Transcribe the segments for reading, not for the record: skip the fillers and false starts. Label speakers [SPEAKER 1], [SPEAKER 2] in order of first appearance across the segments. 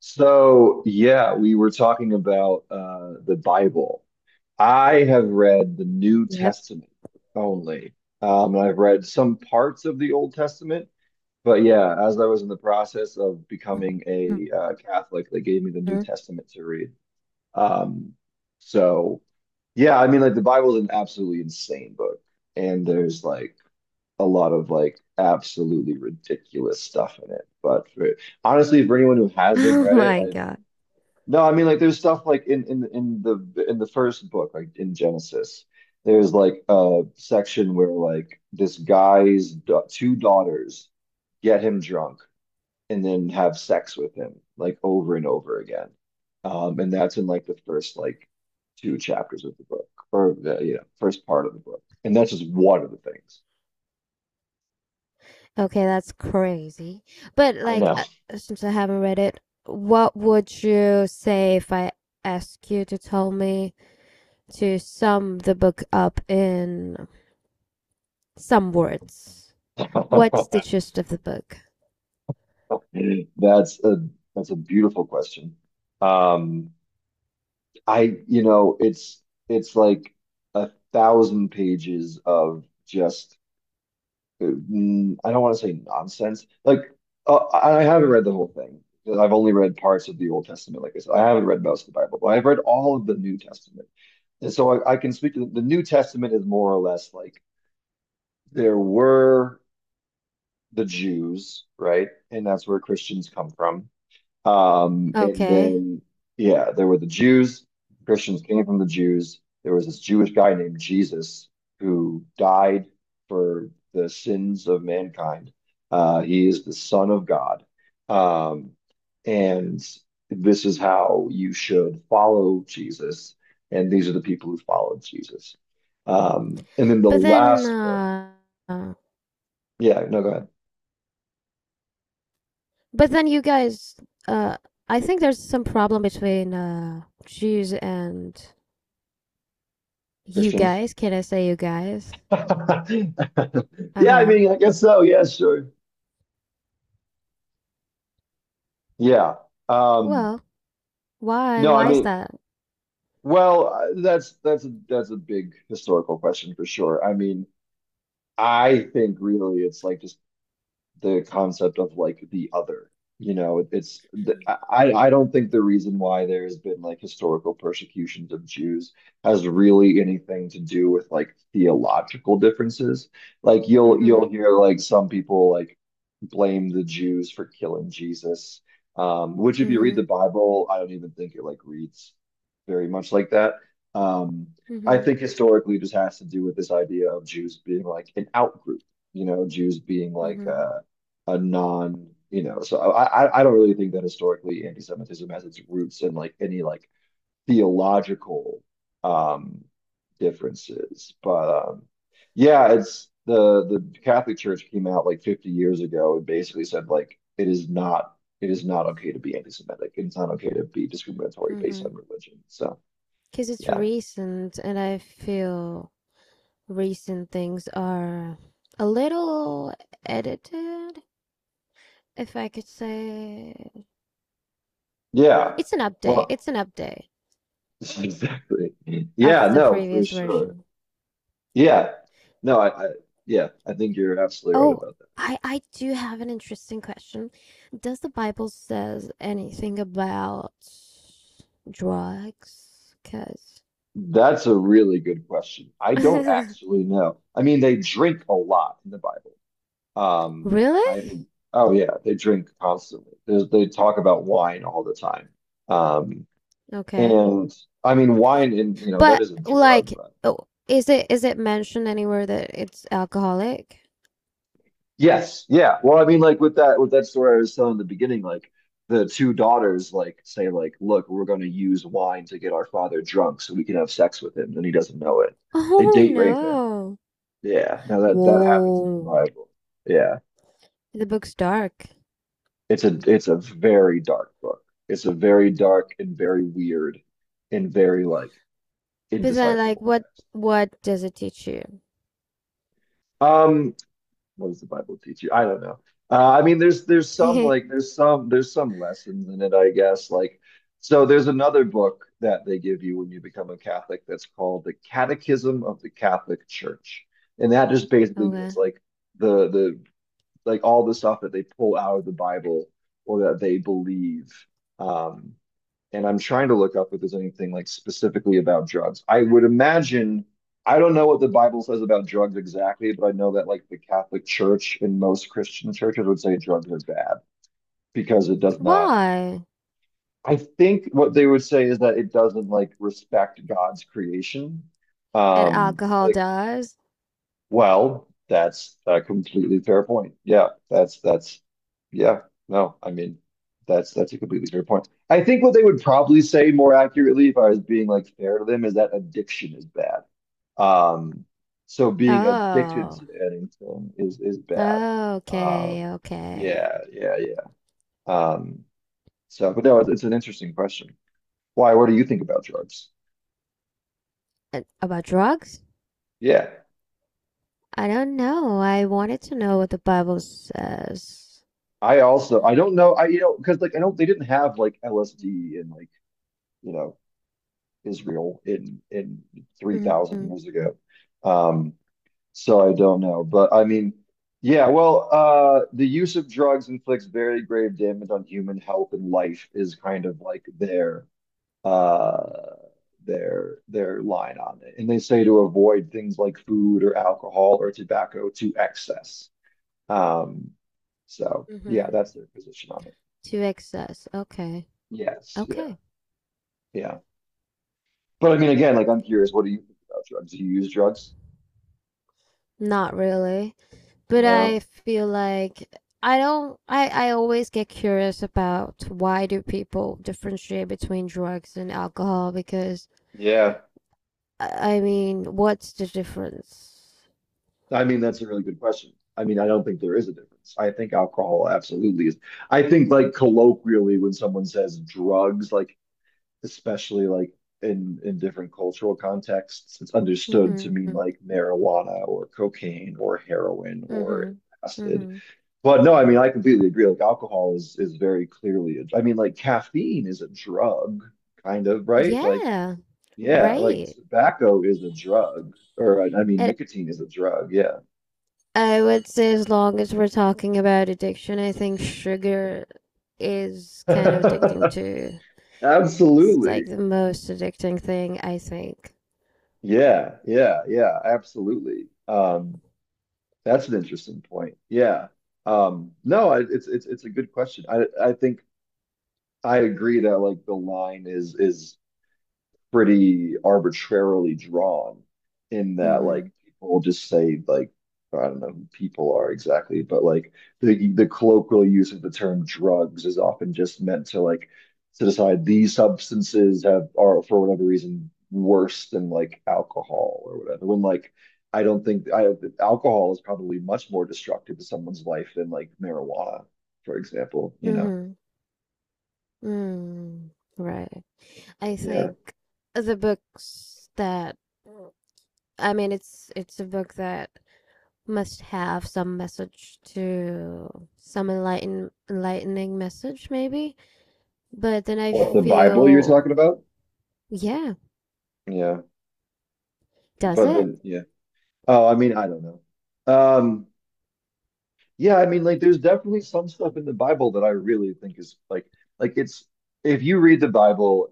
[SPEAKER 1] So, yeah, we were talking about the Bible. I have read the New
[SPEAKER 2] Yep.
[SPEAKER 1] Testament only. And I've read some parts of the Old Testament, but yeah, as I was in the process of becoming a Catholic, they gave me the New
[SPEAKER 2] Mhm.
[SPEAKER 1] Testament to read. Um, so, yeah, I mean, like the Bible is an absolutely insane book, and there's like a lot of like absolutely ridiculous stuff in it. Honestly, for anyone who hasn't
[SPEAKER 2] Oh
[SPEAKER 1] read it,
[SPEAKER 2] my God.
[SPEAKER 1] no, I mean like there's stuff like in the first book, like in Genesis, there's like a section where like this guy's da two daughters get him drunk and then have sex with him like over and over again. And that's in like the first like two chapters of the book or the first part of the book. And that's just one of the things.
[SPEAKER 2] Okay, that's crazy. But
[SPEAKER 1] I
[SPEAKER 2] like,
[SPEAKER 1] know.
[SPEAKER 2] since I haven't read it, what would you say if I ask you to tell me to sum the book up in some words? What's the gist of the book?
[SPEAKER 1] That's a that's a beautiful question. Um, it's like a thousand pages of just I don't want to say nonsense. Like I haven't read the whole thing 'cause I've only read parts of the Old Testament. Like I said, I haven't read most of the Bible, but I've read all of the New Testament. And so I can speak to the New Testament is more or less like there were the Jews, right? And that's where Christians come from. And
[SPEAKER 2] Okay.
[SPEAKER 1] then, yeah, there were the Jews. Christians came from the Jews. There was this Jewish guy named Jesus who died for the sins of mankind. He is the Son of God. Um, and this is how you should follow Jesus. And these are the people who followed Jesus. And then the
[SPEAKER 2] But then,
[SPEAKER 1] last book.
[SPEAKER 2] uh, uh,
[SPEAKER 1] Yeah, no, go ahead.
[SPEAKER 2] but then you guys, uh, I think there's some problem between Jews and you
[SPEAKER 1] Christians.
[SPEAKER 2] guys. Can I say you guys?
[SPEAKER 1] Yeah, I
[SPEAKER 2] Uh-huh.
[SPEAKER 1] mean, I guess so. Yeah, sure. Yeah. Um,
[SPEAKER 2] Well, why?
[SPEAKER 1] no, I
[SPEAKER 2] Why is
[SPEAKER 1] mean,
[SPEAKER 2] that?
[SPEAKER 1] well, that's a big historical question for sure. I mean, I think really it's like just the concept of like the other. You know, I don't think the reason why there has been like historical persecutions of Jews has really anything to do with like theological differences. Like you'll
[SPEAKER 2] Mhm.
[SPEAKER 1] hear like some people like blame the Jews for killing Jesus, which if you read the
[SPEAKER 2] Mhm.
[SPEAKER 1] Bible, I don't even think it like reads very much like that. Um, I think historically it just has to do with this idea of Jews being like an out group, you know, Jews being like
[SPEAKER 2] Mhm.
[SPEAKER 1] a non, you know, so I don't really think that historically anti-Semitism has its roots in like any like theological um differences. But yeah, it's the Catholic Church came out like 50 years ago and basically said like it is not okay to be anti-Semitic. It's not okay to be discriminatory based
[SPEAKER 2] Mhm.
[SPEAKER 1] on religion. So
[SPEAKER 2] Because it's
[SPEAKER 1] yeah.
[SPEAKER 2] recent and I feel recent things are a little edited, if I could say.
[SPEAKER 1] Yeah.
[SPEAKER 2] It's an update.
[SPEAKER 1] Well,
[SPEAKER 2] It's an update
[SPEAKER 1] exactly. Yeah,
[SPEAKER 2] of the
[SPEAKER 1] no, for
[SPEAKER 2] previous
[SPEAKER 1] sure.
[SPEAKER 2] version.
[SPEAKER 1] Yeah. No, I yeah, I think you're absolutely right
[SPEAKER 2] Oh,
[SPEAKER 1] about that.
[SPEAKER 2] I do have an interesting question. Does the Bible says anything about drugs? Because
[SPEAKER 1] That's a really good question. I don't actually know. I mean, they drink a lot in the Bible. Um,
[SPEAKER 2] Really?
[SPEAKER 1] I think, oh yeah, they drink constantly. They talk about wine all the time. Um,
[SPEAKER 2] Okay.
[SPEAKER 1] and I mean, you know, that
[SPEAKER 2] But
[SPEAKER 1] is a drug,
[SPEAKER 2] like, oh, is it mentioned anywhere that it's alcoholic?
[SPEAKER 1] yes, yeah. Well, I mean, like with that story I was telling in the beginning, like the two daughters like say like, look, we're going to use wine to get our father drunk so we can have sex with him, and he doesn't know it. They
[SPEAKER 2] Oh
[SPEAKER 1] date rape him.
[SPEAKER 2] no!
[SPEAKER 1] Yeah. Now that happens in the
[SPEAKER 2] Whoa,
[SPEAKER 1] Bible. Yeah.
[SPEAKER 2] the book's dark.
[SPEAKER 1] It's a very dark book. It's a very dark and very weird and very like
[SPEAKER 2] But then, like,
[SPEAKER 1] indecipherable
[SPEAKER 2] what
[SPEAKER 1] text.
[SPEAKER 2] what does it teach you?
[SPEAKER 1] Um, what does the Bible teach you? I don't know. I mean, there's some like there's some lessons in it, I guess. Like, so there's another book that they give you when you become a Catholic that's called the Catechism of the Catholic Church, and that just basically means
[SPEAKER 2] Okay,
[SPEAKER 1] like the like all the stuff that they pull out of the Bible or that they believe. Um, and I'm trying to look up if there's anything like specifically about drugs. I would imagine, I don't know what the Bible says about drugs exactly, but I know that like the Catholic Church and most Christian churches would say drugs are bad because it does not.
[SPEAKER 2] why?
[SPEAKER 1] I think what they would say is that it doesn't like respect God's creation.
[SPEAKER 2] And
[SPEAKER 1] Um,
[SPEAKER 2] alcohol
[SPEAKER 1] like
[SPEAKER 2] does.
[SPEAKER 1] well, that's a completely fair point. Yeah, that's yeah, no, I mean that's a completely fair point. I think what they would probably say more accurately if I was being like fair to them is that addiction is bad. Um, so being addicted
[SPEAKER 2] Oh,
[SPEAKER 1] to anything is bad. Um,
[SPEAKER 2] okay, okay.
[SPEAKER 1] yeah, yeah, yeah. Um, but no, it's an interesting question. Why? What do you think about drugs?
[SPEAKER 2] And about drugs?
[SPEAKER 1] Yeah.
[SPEAKER 2] I don't know. I wanted to know what the Bible says.
[SPEAKER 1] I also I don't know I you know because like I don't they didn't have like LSD and like you know Israel in three thousand
[SPEAKER 2] Mm-hmm.
[SPEAKER 1] years ago. Um, so I don't know, but I mean, yeah. Well, the use of drugs inflicts very grave damage on human health and life is kind of like their uh their line on it, and they say to avoid things like food or alcohol or tobacco to excess. Um, so
[SPEAKER 2] Mm-hmm.
[SPEAKER 1] yeah, that's their position on it.
[SPEAKER 2] To excess. Okay.
[SPEAKER 1] Yes, yeah,
[SPEAKER 2] Okay.
[SPEAKER 1] yeah. But I mean, again, like I'm curious, what do you think about drugs? Do you use drugs?
[SPEAKER 2] Not really, but I
[SPEAKER 1] No.
[SPEAKER 2] feel like I don't I always get curious about why do people differentiate between drugs and alcohol because
[SPEAKER 1] Yeah.
[SPEAKER 2] I mean, what's the difference?
[SPEAKER 1] I mean, that's a really good question. I mean, I don't think there is a difference. I think alcohol absolutely is. I think like colloquially when someone says drugs, like especially like in different cultural contexts, it's understood to mean
[SPEAKER 2] Mhm.
[SPEAKER 1] like marijuana or cocaine or heroin or
[SPEAKER 2] Mhm.
[SPEAKER 1] acid.
[SPEAKER 2] Mhm.
[SPEAKER 1] But no, I mean, I completely agree. Like alcohol is very clearly I mean, like caffeine is a drug, kind of, right? Like
[SPEAKER 2] Yeah.
[SPEAKER 1] yeah, like
[SPEAKER 2] Right.
[SPEAKER 1] tobacco is a drug, or I mean,
[SPEAKER 2] And
[SPEAKER 1] nicotine is a drug. Yeah,
[SPEAKER 2] I would say as long as we're talking about addiction, I think sugar is kind of addicting too. It's like
[SPEAKER 1] absolutely.
[SPEAKER 2] the most addicting thing, I think.
[SPEAKER 1] Yeah, yeah, yeah, absolutely. That's an interesting point. Yeah. No, I, it's it's a good question. I think I agree that like the line is pretty arbitrarily drawn in that
[SPEAKER 2] Mm-hmm.
[SPEAKER 1] like people just say like I don't know who people are exactly, but like the colloquial use of the term drugs is often just meant to like to decide these substances have are for whatever reason worse than like alcohol or whatever. When like I don't think I alcohol is probably much more destructive to someone's life than like marijuana, for example, you know.
[SPEAKER 2] Mm-hmm. Mm. Right. I
[SPEAKER 1] Yeah.
[SPEAKER 2] think the books that, well, I mean, it's a book that must have some message to some enlightening message maybe. But then I
[SPEAKER 1] What the Bible you're talking
[SPEAKER 2] feel,
[SPEAKER 1] about?
[SPEAKER 2] yeah.
[SPEAKER 1] Yeah.
[SPEAKER 2] Does
[SPEAKER 1] But
[SPEAKER 2] it?
[SPEAKER 1] then yeah. Oh, I mean, I don't know. Um, yeah, I mean, like, there's definitely some stuff in the Bible that I really think is like it's if you read the Bible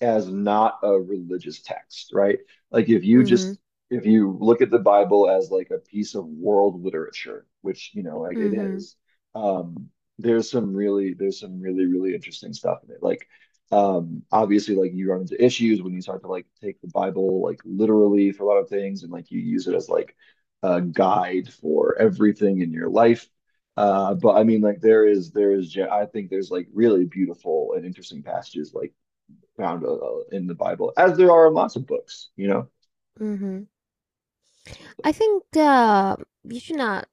[SPEAKER 1] as not a religious text, right? Like
[SPEAKER 2] Mhm.
[SPEAKER 1] if you look at the Bible as like a piece of world literature, which you know like it
[SPEAKER 2] Mhm.
[SPEAKER 1] is, um, there's some really really interesting stuff in it. Like obviously like you run into issues when you start to like take the Bible like literally for a lot of things, and like you use it as like a guide for everything in your life. But I mean, like I think there's like really beautiful and interesting passages like found in the Bible, as there are in lots of books, you know?
[SPEAKER 2] Mhm. I think, you should not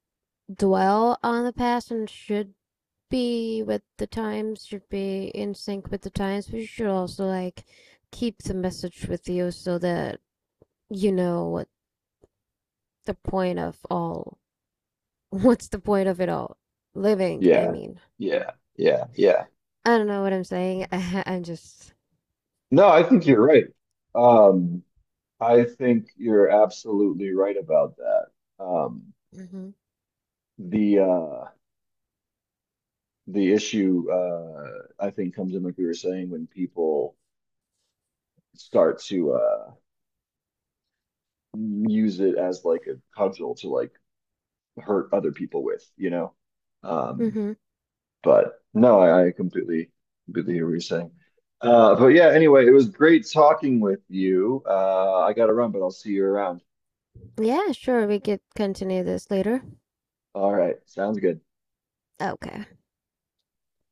[SPEAKER 2] dwell on the past and should be with the times, should be in sync with the times, but you should also like keep the message with you so that you know what the point of all what's the point of it all, living, I
[SPEAKER 1] Yeah,
[SPEAKER 2] mean,
[SPEAKER 1] yeah, yeah, yeah.
[SPEAKER 2] I don't know what I'm saying. I'm just
[SPEAKER 1] No, I think you're right. Um, I think you're absolutely right about that. Um,
[SPEAKER 2] mm-hmm.
[SPEAKER 1] the uh, the issue I think comes in, like we were saying, when people start to use it as like a cudgel to like hurt other people with, you know? Um,
[SPEAKER 2] Mm-hmm.
[SPEAKER 1] But no, I completely hear what you're saying. But yeah, anyway, it was great talking with you. I gotta run, but I'll see you around.
[SPEAKER 2] yeah sure we could continue this later
[SPEAKER 1] All right, sounds good.
[SPEAKER 2] okay